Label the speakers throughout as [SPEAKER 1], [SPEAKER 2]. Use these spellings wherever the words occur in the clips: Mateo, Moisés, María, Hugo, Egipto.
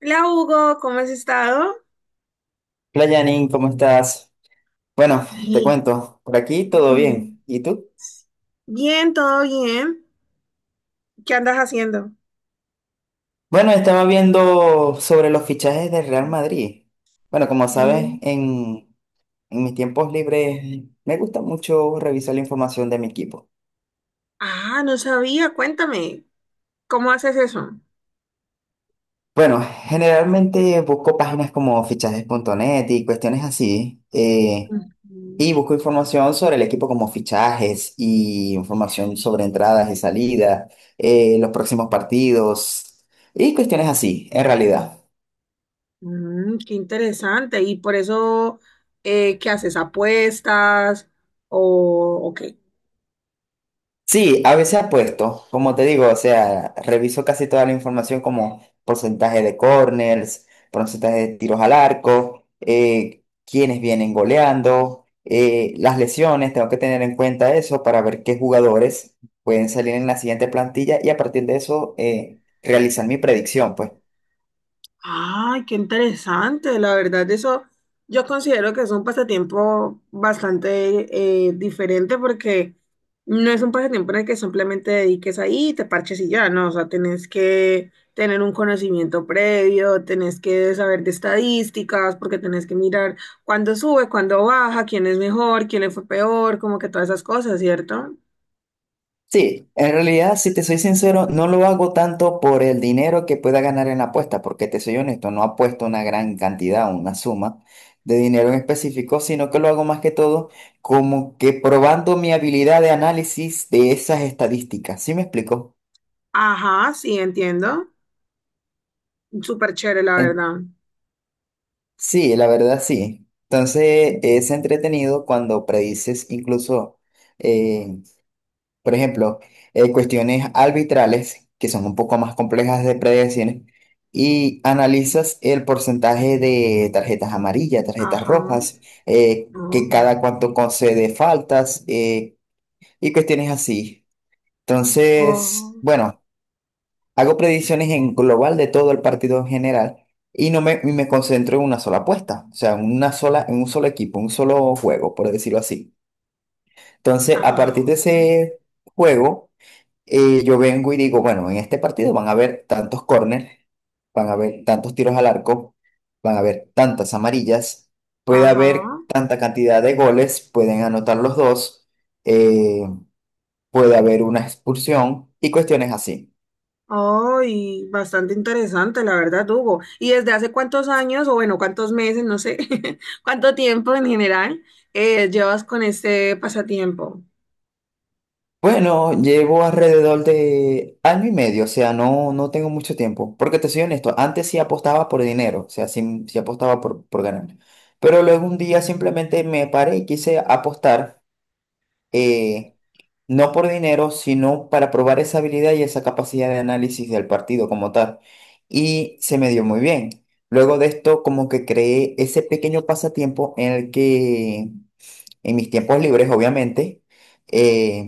[SPEAKER 1] Hola Hugo, ¿cómo has estado?
[SPEAKER 2] Hola Janine, ¿cómo estás? Bueno, te
[SPEAKER 1] Bien.
[SPEAKER 2] cuento, por aquí todo bien.
[SPEAKER 1] Mm,
[SPEAKER 2] ¿Y tú?
[SPEAKER 1] bien, todo bien. ¿Qué andas haciendo?
[SPEAKER 2] Bueno, estaba viendo sobre los fichajes del Real Madrid. Bueno, como sabes,
[SPEAKER 1] Mm,
[SPEAKER 2] en mis tiempos libres me gusta mucho revisar la información de mi equipo.
[SPEAKER 1] ah, no sabía, cuéntame, ¿cómo haces eso?
[SPEAKER 2] Bueno, generalmente busco páginas como fichajes punto net y cuestiones así,
[SPEAKER 1] Ujú.
[SPEAKER 2] y busco información sobre el equipo como fichajes y información sobre entradas y salidas, los próximos partidos y cuestiones así, en realidad.
[SPEAKER 1] Mm, qué interesante. ¿Y por eso qué haces? ¿Apuestas? ¿O qué?
[SPEAKER 2] Sí, a veces apuesto, como te digo, o sea, reviso casi toda la información como porcentaje de corners, porcentaje de tiros al arco, quiénes vienen goleando, las lesiones, tengo que tener en cuenta eso para ver qué jugadores pueden salir en la siguiente plantilla y a partir de eso realizar mi predicción, pues.
[SPEAKER 1] Ay, qué interesante, la verdad, eso yo considero que es un pasatiempo bastante diferente porque no es un pasatiempo en el que simplemente dediques ahí y te parches y ya, no, o sea, tenés que tener un conocimiento previo, tenés que saber de estadísticas, porque tenés que mirar cuándo sube, cuándo baja, quién es mejor, quién le fue peor, como que todas esas cosas, ¿cierto?
[SPEAKER 2] Sí, en realidad, si te soy sincero, no lo hago tanto por el dinero que pueda ganar en la apuesta, porque te soy honesto, no apuesto una gran cantidad, una suma de dinero en específico, sino que lo hago más que todo como que probando mi habilidad de análisis de esas estadísticas. ¿Sí me explico?
[SPEAKER 1] Ajá, sí, entiendo. Súper chévere, la
[SPEAKER 2] En-
[SPEAKER 1] verdad.
[SPEAKER 2] sí, la verdad sí. Entonces, es entretenido cuando predices incluso eh, por ejemplo, cuestiones arbitrales, que son un poco más complejas de predecir, y analizas el porcentaje de tarjetas amarillas, tarjetas
[SPEAKER 1] Ajá.
[SPEAKER 2] rojas, que
[SPEAKER 1] Oh.
[SPEAKER 2] cada cuánto concede faltas, y cuestiones así. Entonces,
[SPEAKER 1] Oh.
[SPEAKER 2] bueno, hago predicciones en global de todo el partido en general y no me, y me concentro en una sola apuesta, o sea, en una sola, en un solo equipo, un solo juego, por decirlo así. Entonces, a partir de
[SPEAKER 1] Ah,
[SPEAKER 2] ese juego, y yo vengo y digo, bueno, en este partido van a haber tantos córneres, van a haber tantos tiros al arco, van a haber tantas amarillas, puede
[SPEAKER 1] ajá.
[SPEAKER 2] haber tanta cantidad de goles, pueden anotar los dos, eh, puede haber una expulsión y cuestiones así.
[SPEAKER 1] Oh, bastante interesante, la verdad, Hugo. ¿Y desde hace cuántos años, o bueno, cuántos meses, no sé, cuánto tiempo en general llevas con este pasatiempo?
[SPEAKER 2] Bueno, llevo alrededor de año y medio, o sea, no, no tengo mucho tiempo, porque te soy honesto, antes sí apostaba por dinero, o sea, sí, sí apostaba por ganar, pero luego un día simplemente me paré y quise apostar. eh, no por dinero, sino para probar esa habilidad y esa capacidad de análisis del partido como tal. Y se me dio muy bien. Luego de esto, como que creé ese pequeño pasatiempo en el que, en mis tiempos libres, obviamente, eh,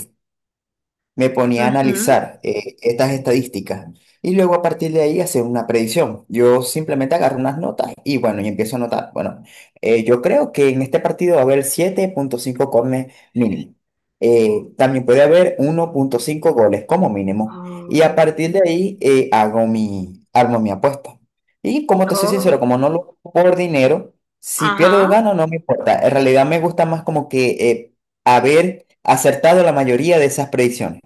[SPEAKER 2] me ponía a
[SPEAKER 1] Ujú.
[SPEAKER 2] analizar estas estadísticas y luego a partir de ahí hacer una predicción. Yo simplemente agarro unas notas y bueno, y empiezo a anotar. Bueno, yo creo que en este partido va a haber 7.5 corners mínimo. También puede haber 1.5 goles como mínimo. Y a partir de
[SPEAKER 1] Oh,
[SPEAKER 2] ahí armo mi apuesta. Y como te soy sincero,
[SPEAKER 1] oh,
[SPEAKER 2] como no lo hago por dinero, si pierdo o
[SPEAKER 1] ajá,
[SPEAKER 2] gano no me importa. En realidad me gusta más como que haber acertado la mayoría de esas predicciones.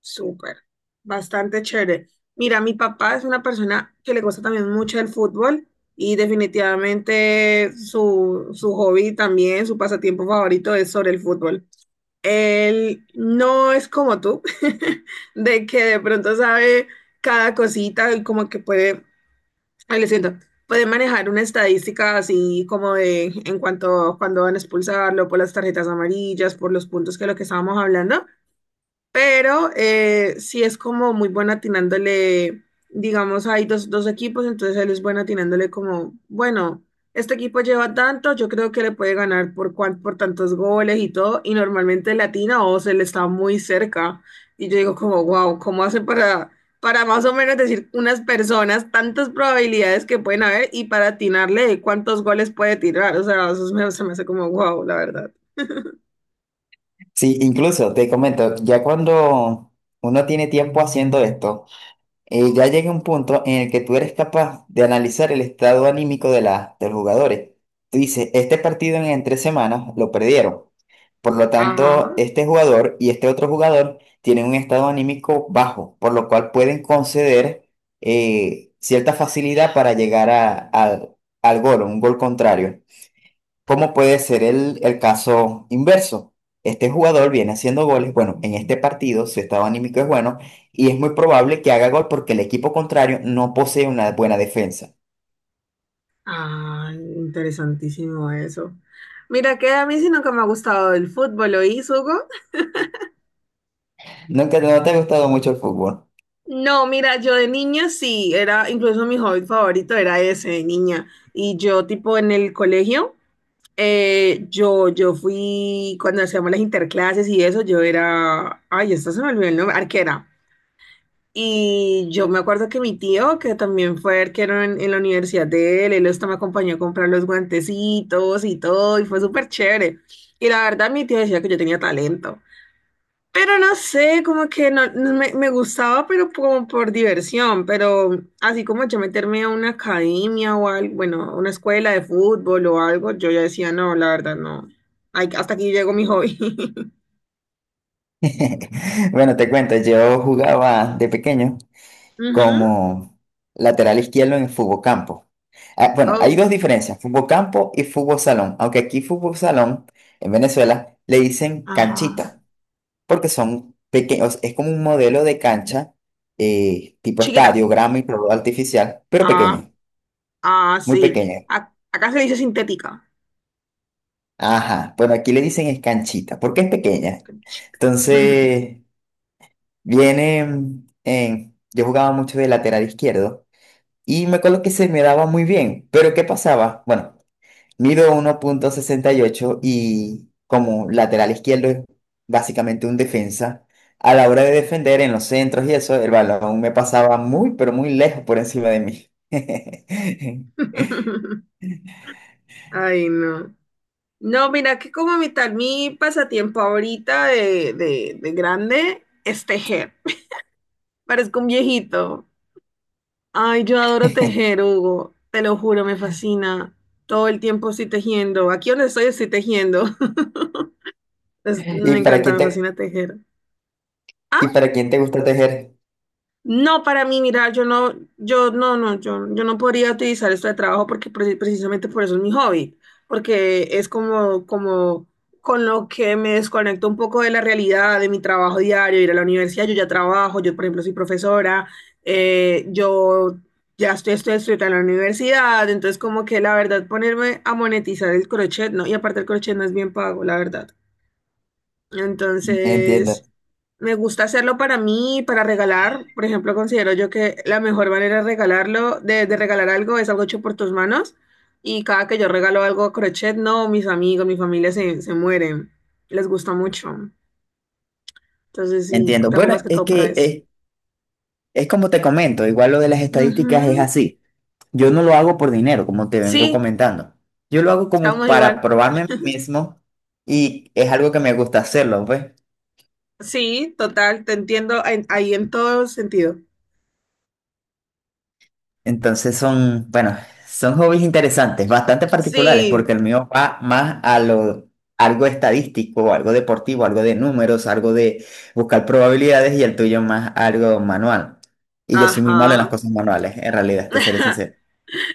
[SPEAKER 1] súper, bastante chévere. Mira, mi papá es una persona que le gusta también mucho el fútbol y definitivamente su hobby también, su pasatiempo favorito es sobre el fútbol. Él no es como tú, de que de pronto sabe cada cosita y como que puede, ay, lo siento, puede manejar una estadística así como de en cuanto cuando van a expulsarlo por las tarjetas amarillas, por los puntos que lo que estábamos hablando, pero sí es como muy bueno atinándole, digamos, hay dos equipos, entonces él es bueno atinándole como, bueno, este equipo lleva tanto, yo creo que le puede ganar por, por tantos goles y todo, y normalmente le atina o se le está muy cerca. Y yo digo como, wow, ¿cómo hace para más o menos decir unas personas tantas probabilidades que pueden haber y para atinarle de cuántos goles puede tirar? O sea, eso se me hace como, wow, la verdad.
[SPEAKER 2] Sí, incluso te comento, ya cuando uno tiene tiempo haciendo esto, ya llega un punto en el que tú eres capaz de analizar el estado anímico de los jugadores. Tú dices, este partido en 3 semanas lo perdieron. Por lo
[SPEAKER 1] Ajá.
[SPEAKER 2] tanto, este jugador y este otro jugador tienen un estado anímico bajo, por lo cual pueden conceder cierta facilidad para llegar al gol, un gol contrario. ¿Cómo puede ser el caso inverso? Este jugador viene haciendo goles, bueno, en este partido su estado anímico es bueno y es muy probable que haga gol porque el equipo contrario no posee una buena defensa.
[SPEAKER 1] Ah, interesantísimo eso. Mira, que a mí sí nunca me ha gustado el fútbol, ¿oís, Hugo?
[SPEAKER 2] Nunca no te ha gustado mucho el fútbol.
[SPEAKER 1] No, mira, yo de niña sí, era, incluso mi hobby favorito era ese de niña. Y yo, tipo, en el colegio, yo fui, cuando hacíamos las interclases y eso, yo era, ay, esta se me olvidó el nombre, arquera. Y yo me acuerdo que mi tío, que también fue arquero en la universidad de él, él hasta me acompañó a comprar los guantecitos y todo, y fue súper chévere. Y la verdad, mi tío decía que yo tenía talento. Pero no sé, como que no, me gustaba, pero como por diversión. Pero así como yo meterme a una academia o algo, bueno, a una escuela de fútbol o algo, yo ya decía, no, la verdad, no. Ay, hasta aquí llegó mi hobby.
[SPEAKER 2] Bueno, te cuento, yo jugaba de pequeño
[SPEAKER 1] Ujú.
[SPEAKER 2] como lateral izquierdo en el fútbol campo. Ah, bueno, hay
[SPEAKER 1] Oh,
[SPEAKER 2] dos diferencias, fútbol campo y fútbol salón, aunque aquí fútbol salón en Venezuela le dicen
[SPEAKER 1] ajá.
[SPEAKER 2] canchita. Porque son pequeños, es como un modelo de cancha, tipo
[SPEAKER 1] Chiquita.
[SPEAKER 2] estadio, grama y prórroga artificial, pero pequeña,
[SPEAKER 1] Ah,
[SPEAKER 2] muy
[SPEAKER 1] sí.
[SPEAKER 2] pequeña.
[SPEAKER 1] Acá se le dice sintética.
[SPEAKER 2] Ajá, bueno, aquí le dicen es canchita, porque es pequeña. Entonces, viene yo jugaba mucho de lateral izquierdo y me acuerdo que se me daba muy bien, pero ¿qué pasaba? Bueno. Mido 1.68 y ocho y como lateral izquierdo es básicamente un defensa. A la hora de defender en los centros y eso, el balón me pasaba muy, pero muy lejos por encima de mí.
[SPEAKER 1] Ay, no. No, mira que como mi tal, mi pasatiempo ahorita de grande es tejer. Parezco un viejito. Ay, yo adoro tejer, Hugo. Te lo juro, me fascina. Todo el tiempo estoy tejiendo. Aquí donde estoy estoy tejiendo. Me
[SPEAKER 2] ¿Y para
[SPEAKER 1] encanta,
[SPEAKER 2] quién
[SPEAKER 1] me
[SPEAKER 2] te,
[SPEAKER 1] fascina tejer.
[SPEAKER 2] y para quién te gusta tejer?
[SPEAKER 1] No, para mí, mira, yo no podría utilizar esto de trabajo porque precisamente por eso es mi hobby, porque es como, como con lo que me desconecto un poco de la realidad, de mi trabajo diario, ir a la universidad, yo ya trabajo, yo por ejemplo soy profesora, yo ya estoy, estoy estudiando en la universidad, entonces como que la verdad ponerme a monetizar el crochet, no, y aparte el crochet no es bien pago, la verdad.
[SPEAKER 2] Entiendo,
[SPEAKER 1] Entonces, me gusta hacerlo para mí, para regalar. Por ejemplo, considero yo que la mejor manera de regalarlo, de regalar algo, es algo hecho por tus manos. Y cada que yo regalo algo a crochet, no, mis amigos, mi familia se mueren. Les gusta mucho. Entonces, sí,
[SPEAKER 2] entiendo.
[SPEAKER 1] trabajo
[SPEAKER 2] Bueno,
[SPEAKER 1] más que
[SPEAKER 2] es
[SPEAKER 1] todo para
[SPEAKER 2] que
[SPEAKER 1] eso.
[SPEAKER 2] es, como te comento, igual lo de las
[SPEAKER 1] Ujú.
[SPEAKER 2] estadísticas es así. Yo no lo hago por dinero, como te vengo
[SPEAKER 1] Sí,
[SPEAKER 2] comentando. Yo lo hago como
[SPEAKER 1] estamos
[SPEAKER 2] para
[SPEAKER 1] igual.
[SPEAKER 2] probarme a mí mismo y es algo que me gusta hacerlo, pues.
[SPEAKER 1] Sí, total, te entiendo ahí en todo sentido.
[SPEAKER 2] Entonces son, bueno, son hobbies interesantes, bastante particulares, porque
[SPEAKER 1] Sí,
[SPEAKER 2] el mío va más a lo, algo estadístico, algo deportivo, algo de números, algo de buscar probabilidades y el tuyo más algo manual. Y yo soy muy malo en las
[SPEAKER 1] ajá.
[SPEAKER 2] cosas manuales, en realidad, te seré sincero.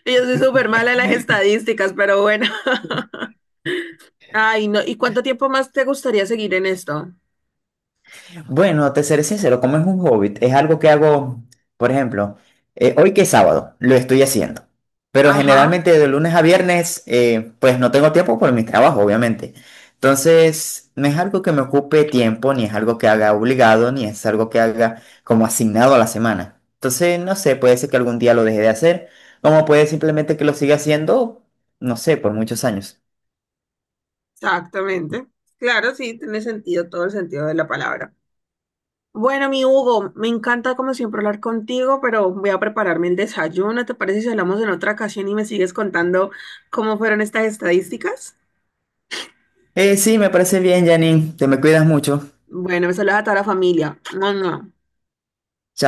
[SPEAKER 1] Yo soy súper mala en las estadísticas, pero bueno. Ay, no. ¿Y cuánto tiempo más te gustaría seguir en esto?
[SPEAKER 2] Bueno, te seré sincero, como es un hobbit, es algo que hago, por ejemplo, hoy que es sábado, lo estoy haciendo, pero
[SPEAKER 1] Ajá,
[SPEAKER 2] generalmente de lunes a viernes, pues no tengo tiempo por mi trabajo, obviamente. Entonces, no es algo que me ocupe tiempo, ni es algo que haga obligado, ni es algo que haga como asignado a la semana. Entonces, no sé, puede ser que algún día lo deje de hacer, como puede simplemente que lo siga haciendo, no sé, por muchos años.
[SPEAKER 1] exactamente. Claro, sí, tiene sentido, todo el sentido de la palabra. Bueno, mi Hugo, me encanta como siempre hablar contigo, pero voy a prepararme el desayuno. ¿Te parece si hablamos en otra ocasión y me sigues contando cómo fueron estas estadísticas?
[SPEAKER 2] Sí, me parece bien, Janine, te me cuidas mucho.
[SPEAKER 1] Bueno, me saludas a toda la familia. ¡Mua, mua!
[SPEAKER 2] Chao.